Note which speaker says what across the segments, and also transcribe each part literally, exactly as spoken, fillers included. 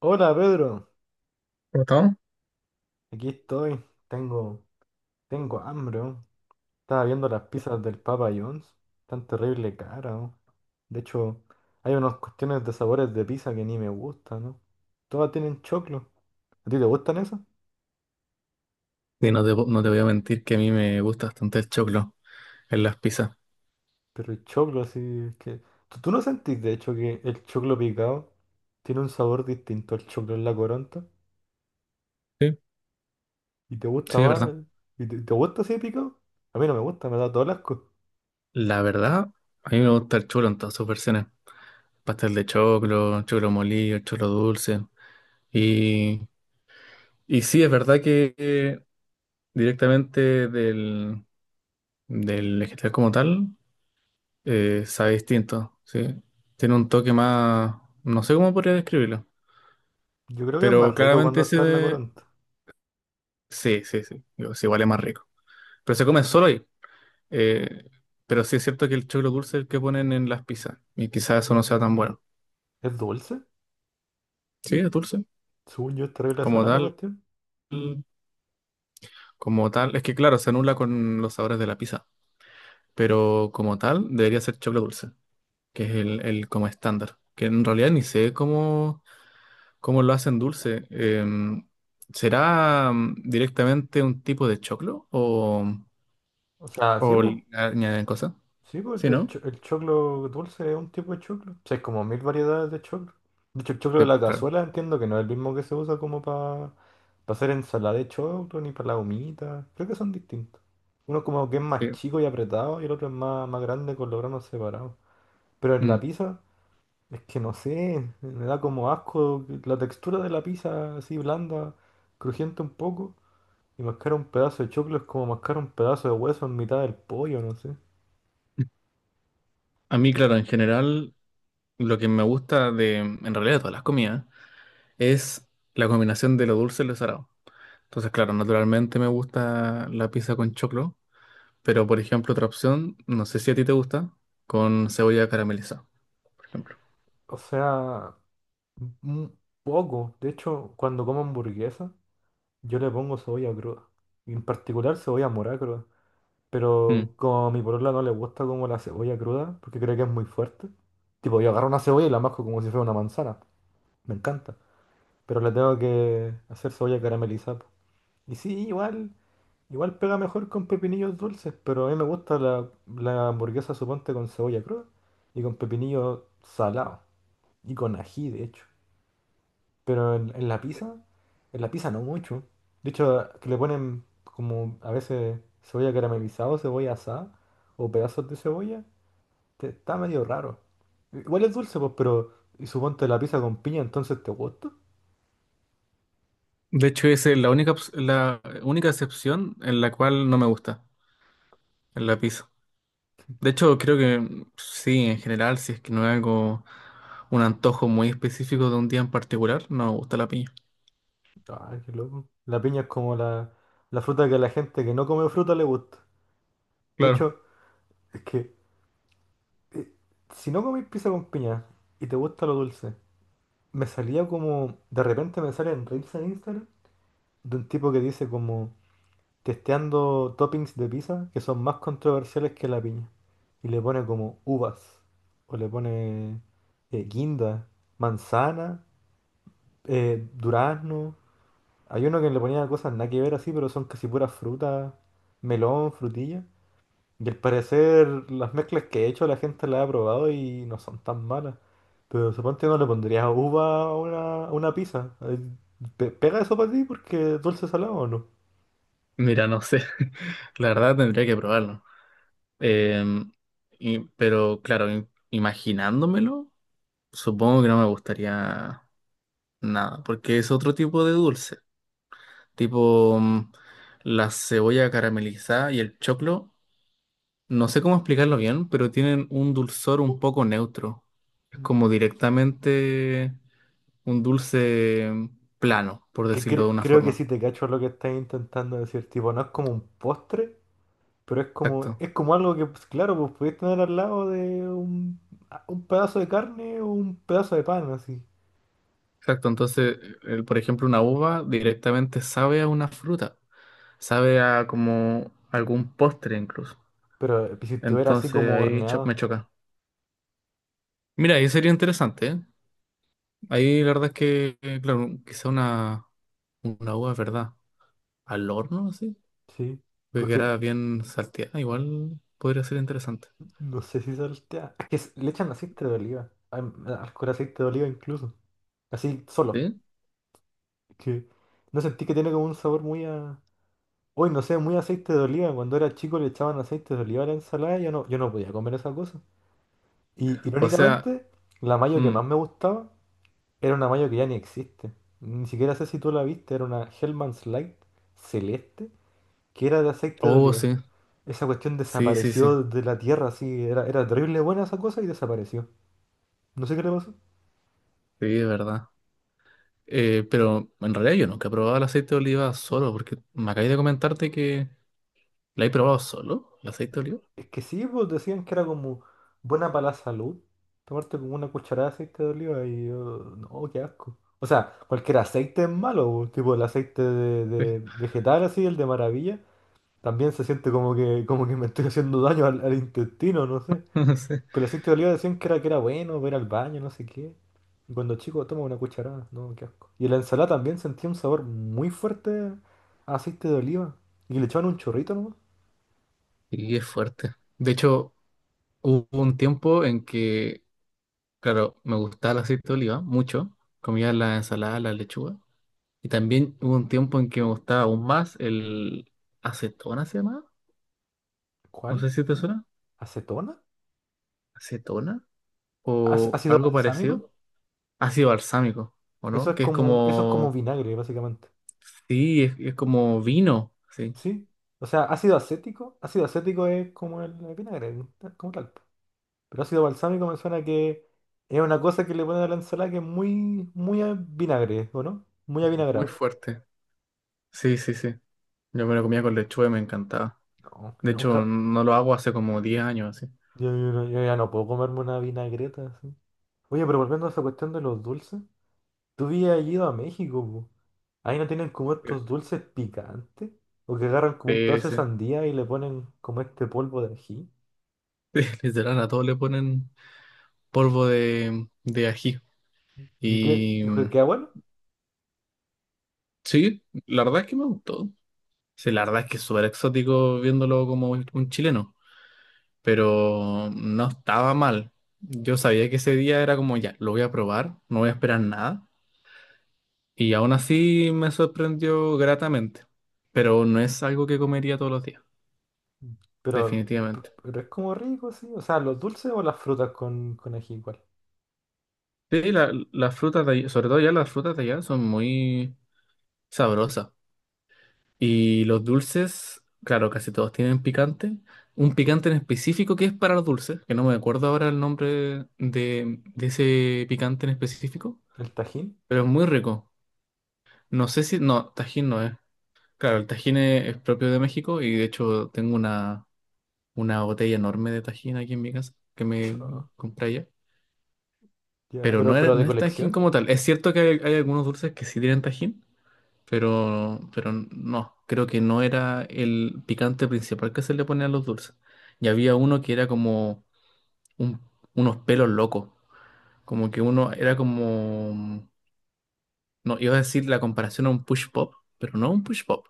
Speaker 1: Hola Pedro,
Speaker 2: ¿Gustavo?
Speaker 1: aquí estoy. Tengo, tengo hambre. Oh. Estaba viendo las pizzas del Papa John's. Tan terrible cara. Oh. De hecho, hay unas cuestiones de sabores de pizza que ni me gustan, ¿no? Todas tienen choclo. ¿A ti te gustan esas?
Speaker 2: Y no te, po- no te voy a mentir que a mí me gusta bastante el choclo en las pizzas.
Speaker 1: Pero el choclo así es que. ¿Tú, tú no sentís de hecho que el choclo picado tiene un sabor distinto al choclo en la coronta?
Speaker 2: Sí,
Speaker 1: ¿Y te gusta
Speaker 2: sí, es
Speaker 1: más?
Speaker 2: verdad.
Speaker 1: ¿Y te, te gusta así de picado? A mí no me gusta, me da todo el asco.
Speaker 2: La verdad, a mí me gusta el choclo en todas sus versiones. Pastel de choclo, choclo molido, choclo dulce. Y, y sí, es verdad que eh, directamente del, del vegetal como tal, eh, sabe distinto, ¿sí? Tiene un toque más, no sé cómo podría describirlo,
Speaker 1: Yo creo que es
Speaker 2: pero
Speaker 1: más rico
Speaker 2: claramente
Speaker 1: cuando
Speaker 2: ese
Speaker 1: está en la
Speaker 2: de-
Speaker 1: coronta.
Speaker 2: Sí, sí, sí, digo, sí, igual es más rico. Pero se come solo ahí. Eh, pero sí es cierto que el choclo dulce es el que ponen en las pizzas. Y quizás eso no sea tan bueno.
Speaker 1: ¿Es dulce?
Speaker 2: Sí, es dulce.
Speaker 1: Según yo, es terrible
Speaker 2: Como
Speaker 1: sana la
Speaker 2: tal,
Speaker 1: cuestión.
Speaker 2: como tal. Es que claro, se anula con los sabores de la pizza. Pero como tal, debería ser choclo dulce, que es el, el como estándar. Que en realidad ni sé cómo, cómo lo hacen dulce. Em, ¿será mm, directamente un tipo de choclo? ¿O,
Speaker 1: O sea, sí,
Speaker 2: o
Speaker 1: pues.
Speaker 2: le añaden cosas?
Speaker 1: Sí, po,
Speaker 2: Sí,
Speaker 1: el,
Speaker 2: ¿no?
Speaker 1: cho- el choclo dulce es un tipo de choclo. O sea, hay como mil variedades de choclo. De hecho, el choclo de
Speaker 2: Sí,
Speaker 1: la
Speaker 2: claro.
Speaker 1: cazuela entiendo que no es el mismo que se usa como para hacer ensalada de choclo ni para la humita. Creo que son distintos. Uno como que es más
Speaker 2: Sí.
Speaker 1: chico y apretado y el otro es más, más grande con los granos separados. Pero en la
Speaker 2: Mm.
Speaker 1: pizza, es que no sé, me da como asco la textura de la pizza así blanda, crujiente un poco. Y mascar un pedazo de choclo es como mascar un pedazo de hueso en mitad del pollo, no sé.
Speaker 2: A mí, claro, en general. Lo que me gusta de, en realidad, de todas las comidas, es la combinación de lo dulce y lo salado. Entonces, claro, naturalmente me gusta la pizza con choclo, pero por ejemplo, otra opción, no sé si a ti te gusta, con cebolla caramelizada, por ejemplo.
Speaker 1: O sea, un poco. De hecho, cuando como hamburguesa, yo le pongo cebolla cruda. Y en particular cebolla morada cruda.
Speaker 2: Mm.
Speaker 1: Pero como a mi polola no le gusta como la cebolla cruda, porque cree que es muy fuerte. Tipo, yo agarro una cebolla y la masco como si fuera una manzana. Me encanta. Pero le tengo que hacer cebolla caramelizada, po. Y sí, igual. Igual pega mejor con pepinillos dulces, pero a mí me gusta la, la hamburguesa, suponte, con cebolla cruda y con pepinillos salados y con ají, de hecho. Pero en, en la pizza, en la pizza no mucho. De hecho, que le ponen como a veces cebolla caramelizada o cebolla asada o pedazos de cebolla, te- está medio raro. Igual es dulce, pues, pero y suponte la pizza con piña, entonces te gusta.
Speaker 2: De hecho, esa es la única, ops- la única excepción en la cual no me gusta, en la pizza. De hecho, creo que mm, sí, en general, si es que no es algo, un antojo muy específico de un día en particular, no me gusta la piña.
Speaker 1: Ay, qué loco. La piña es como la, la fruta que a la gente que no come fruta le gusta. De
Speaker 2: Claro.
Speaker 1: hecho, es que eh, si no comís pizza con piña y te gusta lo dulce, me salía como, de repente me salen reels en Instagram de un tipo que dice como testeando toppings de pizza que son más controversiales que la piña. Y le pone como uvas, o le pone eh, guinda, manzana, eh, durazno. Hay uno que le ponía cosas nada que ver así, pero son casi puras frutas, melón, frutilla. Y al parecer las mezclas que he hecho la gente las ha probado y no son tan malas. Pero suponte no le pondrías uva a una, a una pizza. Eh, pe- ¿Pega eso para ti porque es dulce salado o no?
Speaker 2: Mira, no sé. La verdad tendría que probarlo. Em, y- pero claro, im- imaginándomelo, supongo que no me gustaría nada, porque es otro tipo de dulce, tipo mm, la cebolla caramelizada y el choclo, no sé cómo explicarlo bien, pero tienen un dulzor un poco neutro. Es
Speaker 1: Mm.
Speaker 2: como directamente un dulce mm, plano, por
Speaker 1: Que
Speaker 2: decirlo de
Speaker 1: cre-
Speaker 2: una
Speaker 1: creo que
Speaker 2: forma.
Speaker 1: sí te cacho lo que estás intentando decir. Tipo, no es como un postre, pero es como,
Speaker 2: Exacto,
Speaker 1: es como algo que, pues, claro, pues podéis tener al lado de un, a- un pedazo de carne o un pedazo de pan, así.
Speaker 2: exacto. Entonces, el- por ejemplo, una uva directamente sabe a una fruta. Sabe a como algún postre incluso.
Speaker 1: Pero eh, si estuviera así
Speaker 2: Entonces
Speaker 1: como
Speaker 2: ahí cho- me
Speaker 1: horneado,
Speaker 2: choca. Mira, ahí sería interesante, ¿eh? Ahí la verdad es que, eh, claro, quizá una, una uva, ¿verdad? Al horno, así.
Speaker 1: sí.
Speaker 2: Que
Speaker 1: Porque
Speaker 2: quedara bien salteada, igual podría ser interesante.
Speaker 1: no sé si saltea. Es que s- le echan aceite de oliva. Al, al- al aceite de oliva incluso. Así solo.
Speaker 2: ¿Sí?
Speaker 1: Que no sentí que tiene como un sabor muy a... Hoy no sé, muy aceite de oliva. Cuando era chico le echaban aceite de oliva a la ensalada y yo no, yo no podía comer esa cosa. Y
Speaker 2: O sea,
Speaker 1: irónicamente, la mayo que
Speaker 2: mm,
Speaker 1: más me gustaba era una mayo que ya ni existe. Ni siquiera sé si tú la viste, era una Hellman's Light celeste que era de aceite de
Speaker 2: oh,
Speaker 1: oliva.
Speaker 2: sí.
Speaker 1: Esa cuestión
Speaker 2: Sí, sí, sí.
Speaker 1: desapareció de la tierra, así, era, era terrible buena esa cosa y desapareció. No sé qué le pasó.
Speaker 2: Sí, es verdad. Eh, pero en realidad yo nunca he probado el aceite de oliva solo, porque me acabé de comentarte que la he probado solo, el aceite de
Speaker 1: Es que sí, pues decían que era como buena para la salud. Tomarte como una cucharada de aceite de oliva y yo, no, qué asco. O sea, cualquier aceite es malo, pues, tipo el aceite de, de vegetal así, el de maravilla, también se siente como que, como que me estoy haciendo daño al, al intestino, no sé.
Speaker 2: oliva. Sí.
Speaker 1: Pero el aceite de oliva decían que era, que era bueno, ver al baño, no sé qué. Y cuando chico toma una cucharada, no, qué asco. Y en la ensalada también sentía un sabor muy fuerte a aceite de oliva. Y le echaban un chorrito nomás.
Speaker 2: Y es fuerte. De hecho, hubo un tiempo en que, claro, me gustaba el aceite de oliva mucho. Comía la ensalada, la lechuga. Y también hubo un tiempo en que me gustaba aún más el acetona, ¿se llama? No sé
Speaker 1: ¿Cuál?
Speaker 2: si te suena.
Speaker 1: ¿Acetona?
Speaker 2: ¿Acetona?
Speaker 1: Ac-
Speaker 2: O
Speaker 1: ¿Ácido
Speaker 2: algo
Speaker 1: balsámico?
Speaker 2: parecido. Ácido balsámico, ¿o
Speaker 1: Eso
Speaker 2: no?
Speaker 1: es
Speaker 2: Que es
Speaker 1: como, eso es como
Speaker 2: como...
Speaker 1: vinagre, básicamente.
Speaker 2: Sí, es, es como vino. Sí,
Speaker 1: ¿Sí? O sea, ácido acético. Ácido acético es como el, vinagre, tal- como tal. Pero ácido balsámico me suena que es una cosa que le ponen a la ensalada que es muy, muy a vinagre, ¿o no? Muy
Speaker 2: muy
Speaker 1: avinagrado.
Speaker 2: fuerte. Sí, sí, sí. Yo me lo comía con lechuga y me encantaba.
Speaker 1: No, yo
Speaker 2: De hecho,
Speaker 1: nunca.
Speaker 2: no lo hago hace como diez años, así.
Speaker 1: Yo, yo no- yo ya no puedo comerme una vinagreta así. Oye, pero volviendo a esa cuestión de los dulces, tú habías ido a México, po. Ahí no tienen como estos dulces picantes. O que agarran como un
Speaker 2: Sí,
Speaker 1: pedazo de
Speaker 2: sí.
Speaker 1: sandía y le ponen como este polvo de ají.
Speaker 2: Literal, a todos le ponen polvo de, de ají.
Speaker 1: Y que,
Speaker 2: Y
Speaker 1: y que
Speaker 2: mm,
Speaker 1: queda bueno,
Speaker 2: sí, la verdad es que me gustó. Sí, la verdad es que es súper exótico viéndolo como un, un chileno, pero no estaba mal. Yo sabía que ese día era como ya, lo voy a probar, no voy a esperar nada. Y aún así me sorprendió gratamente, pero no es algo que comería todos los días,
Speaker 1: pero,
Speaker 2: definitivamente.
Speaker 1: pero es como rico, sí. O sea, los dulces o las frutas con, con ají igual.
Speaker 2: Sí, la- las frutas de allá, sobre todo ya las frutas de allá son muy sabrosas. Y los dulces, claro, casi todos tienen picante. Un picante en específico que es para los dulces, que no me acuerdo ahora el nombre de, de ese picante en específico,
Speaker 1: El tajín,
Speaker 2: pero es muy rico. No sé si... No, Tajín no es. Claro, el Tajín es, es propio de México y de hecho tengo una, una botella enorme de Tajín aquí en mi casa que me
Speaker 1: chao.
Speaker 2: compré allá.
Speaker 1: Ya,
Speaker 2: Pero no,
Speaker 1: pero,
Speaker 2: era-
Speaker 1: pero de
Speaker 2: no es Tajín
Speaker 1: colección.
Speaker 2: como tal. Es cierto que hay, hay algunos dulces que sí tienen Tajín, pero, pero no, creo que no era el picante principal que se le ponía a los dulces. Y había uno que era como un- unos pelos locos, como que uno era como, no, iba a decir la comparación a un push pop, pero no un push pop,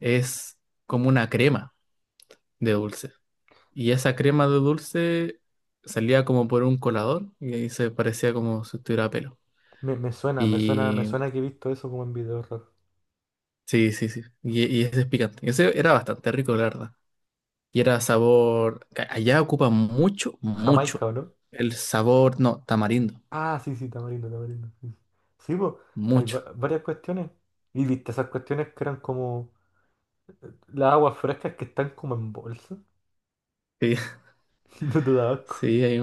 Speaker 2: es como una crema de dulce. Y esa crema de dulce salía como por un colador y ahí se parecía como si tuviera pelo.
Speaker 1: Me, me suena, me suena, me
Speaker 2: Y
Speaker 1: suena que he visto eso como en videos raros.
Speaker 2: sí, sí, sí, y, y ese es picante. Ese era bastante rico, la verdad. Y era sabor, ca- allá ocupa mucho,
Speaker 1: Jamaica,
Speaker 2: mucho.
Speaker 1: ¿o no?
Speaker 2: El sabor, no, tamarindo,
Speaker 1: Ah, sí, sí, tamarindo, tamarindo. Sí, sí. Sí, po, hay
Speaker 2: mucho.
Speaker 1: va- varias cuestiones. Y viste esas cuestiones que eran como las aguas frescas que están como en bolsa.
Speaker 2: Sí,
Speaker 1: No te da asco.
Speaker 2: sí, ahí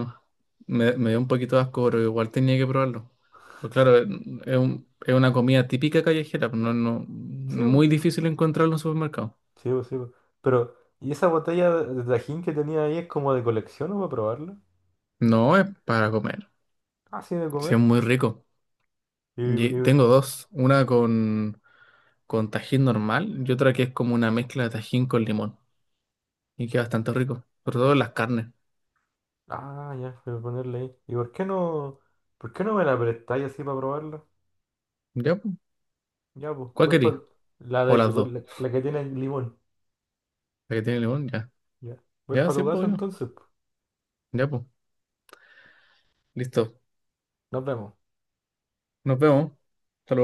Speaker 2: me, me dio un poquito de asco, pero igual tenía que probarlo. Pues claro, es es un- es una comida típica callejera, pues no, no,
Speaker 1: Sí,
Speaker 2: muy
Speaker 1: bu,
Speaker 2: difícil encontrarlo en un supermercado.
Speaker 1: sí, bu, sí, bu. Pero, ¿y esa botella de de Tajín que tenía ahí es como de colección o para probarla?
Speaker 2: No es para comer,
Speaker 1: Así de
Speaker 2: sí, es
Speaker 1: comer.
Speaker 2: muy rico.
Speaker 1: Y,
Speaker 2: Y
Speaker 1: y-
Speaker 2: tengo dos, una con, con tajín normal y otra que es como una mezcla de tajín con limón. Y queda bastante rico, sobre todo en las carnes.
Speaker 1: ah, ya, voy a ponerle ahí. ¿Y por qué no, por qué no me la prestáis así para probarla?
Speaker 2: ¿Ya? Pues.
Speaker 1: Ya, pues,
Speaker 2: ¿Cuál
Speaker 1: voy para
Speaker 2: querí?
Speaker 1: la
Speaker 2: O
Speaker 1: de
Speaker 2: las dos.
Speaker 1: la, la que tiene limón.
Speaker 2: La que tiene limón, ya.
Speaker 1: Ya. Voy
Speaker 2: Ya,
Speaker 1: para
Speaker 2: sí,
Speaker 1: tu
Speaker 2: pues,
Speaker 1: casa
Speaker 2: bueno.
Speaker 1: entonces, pues.
Speaker 2: Ya, pues. Listo.
Speaker 1: Nos vemos.
Speaker 2: Nos vemos.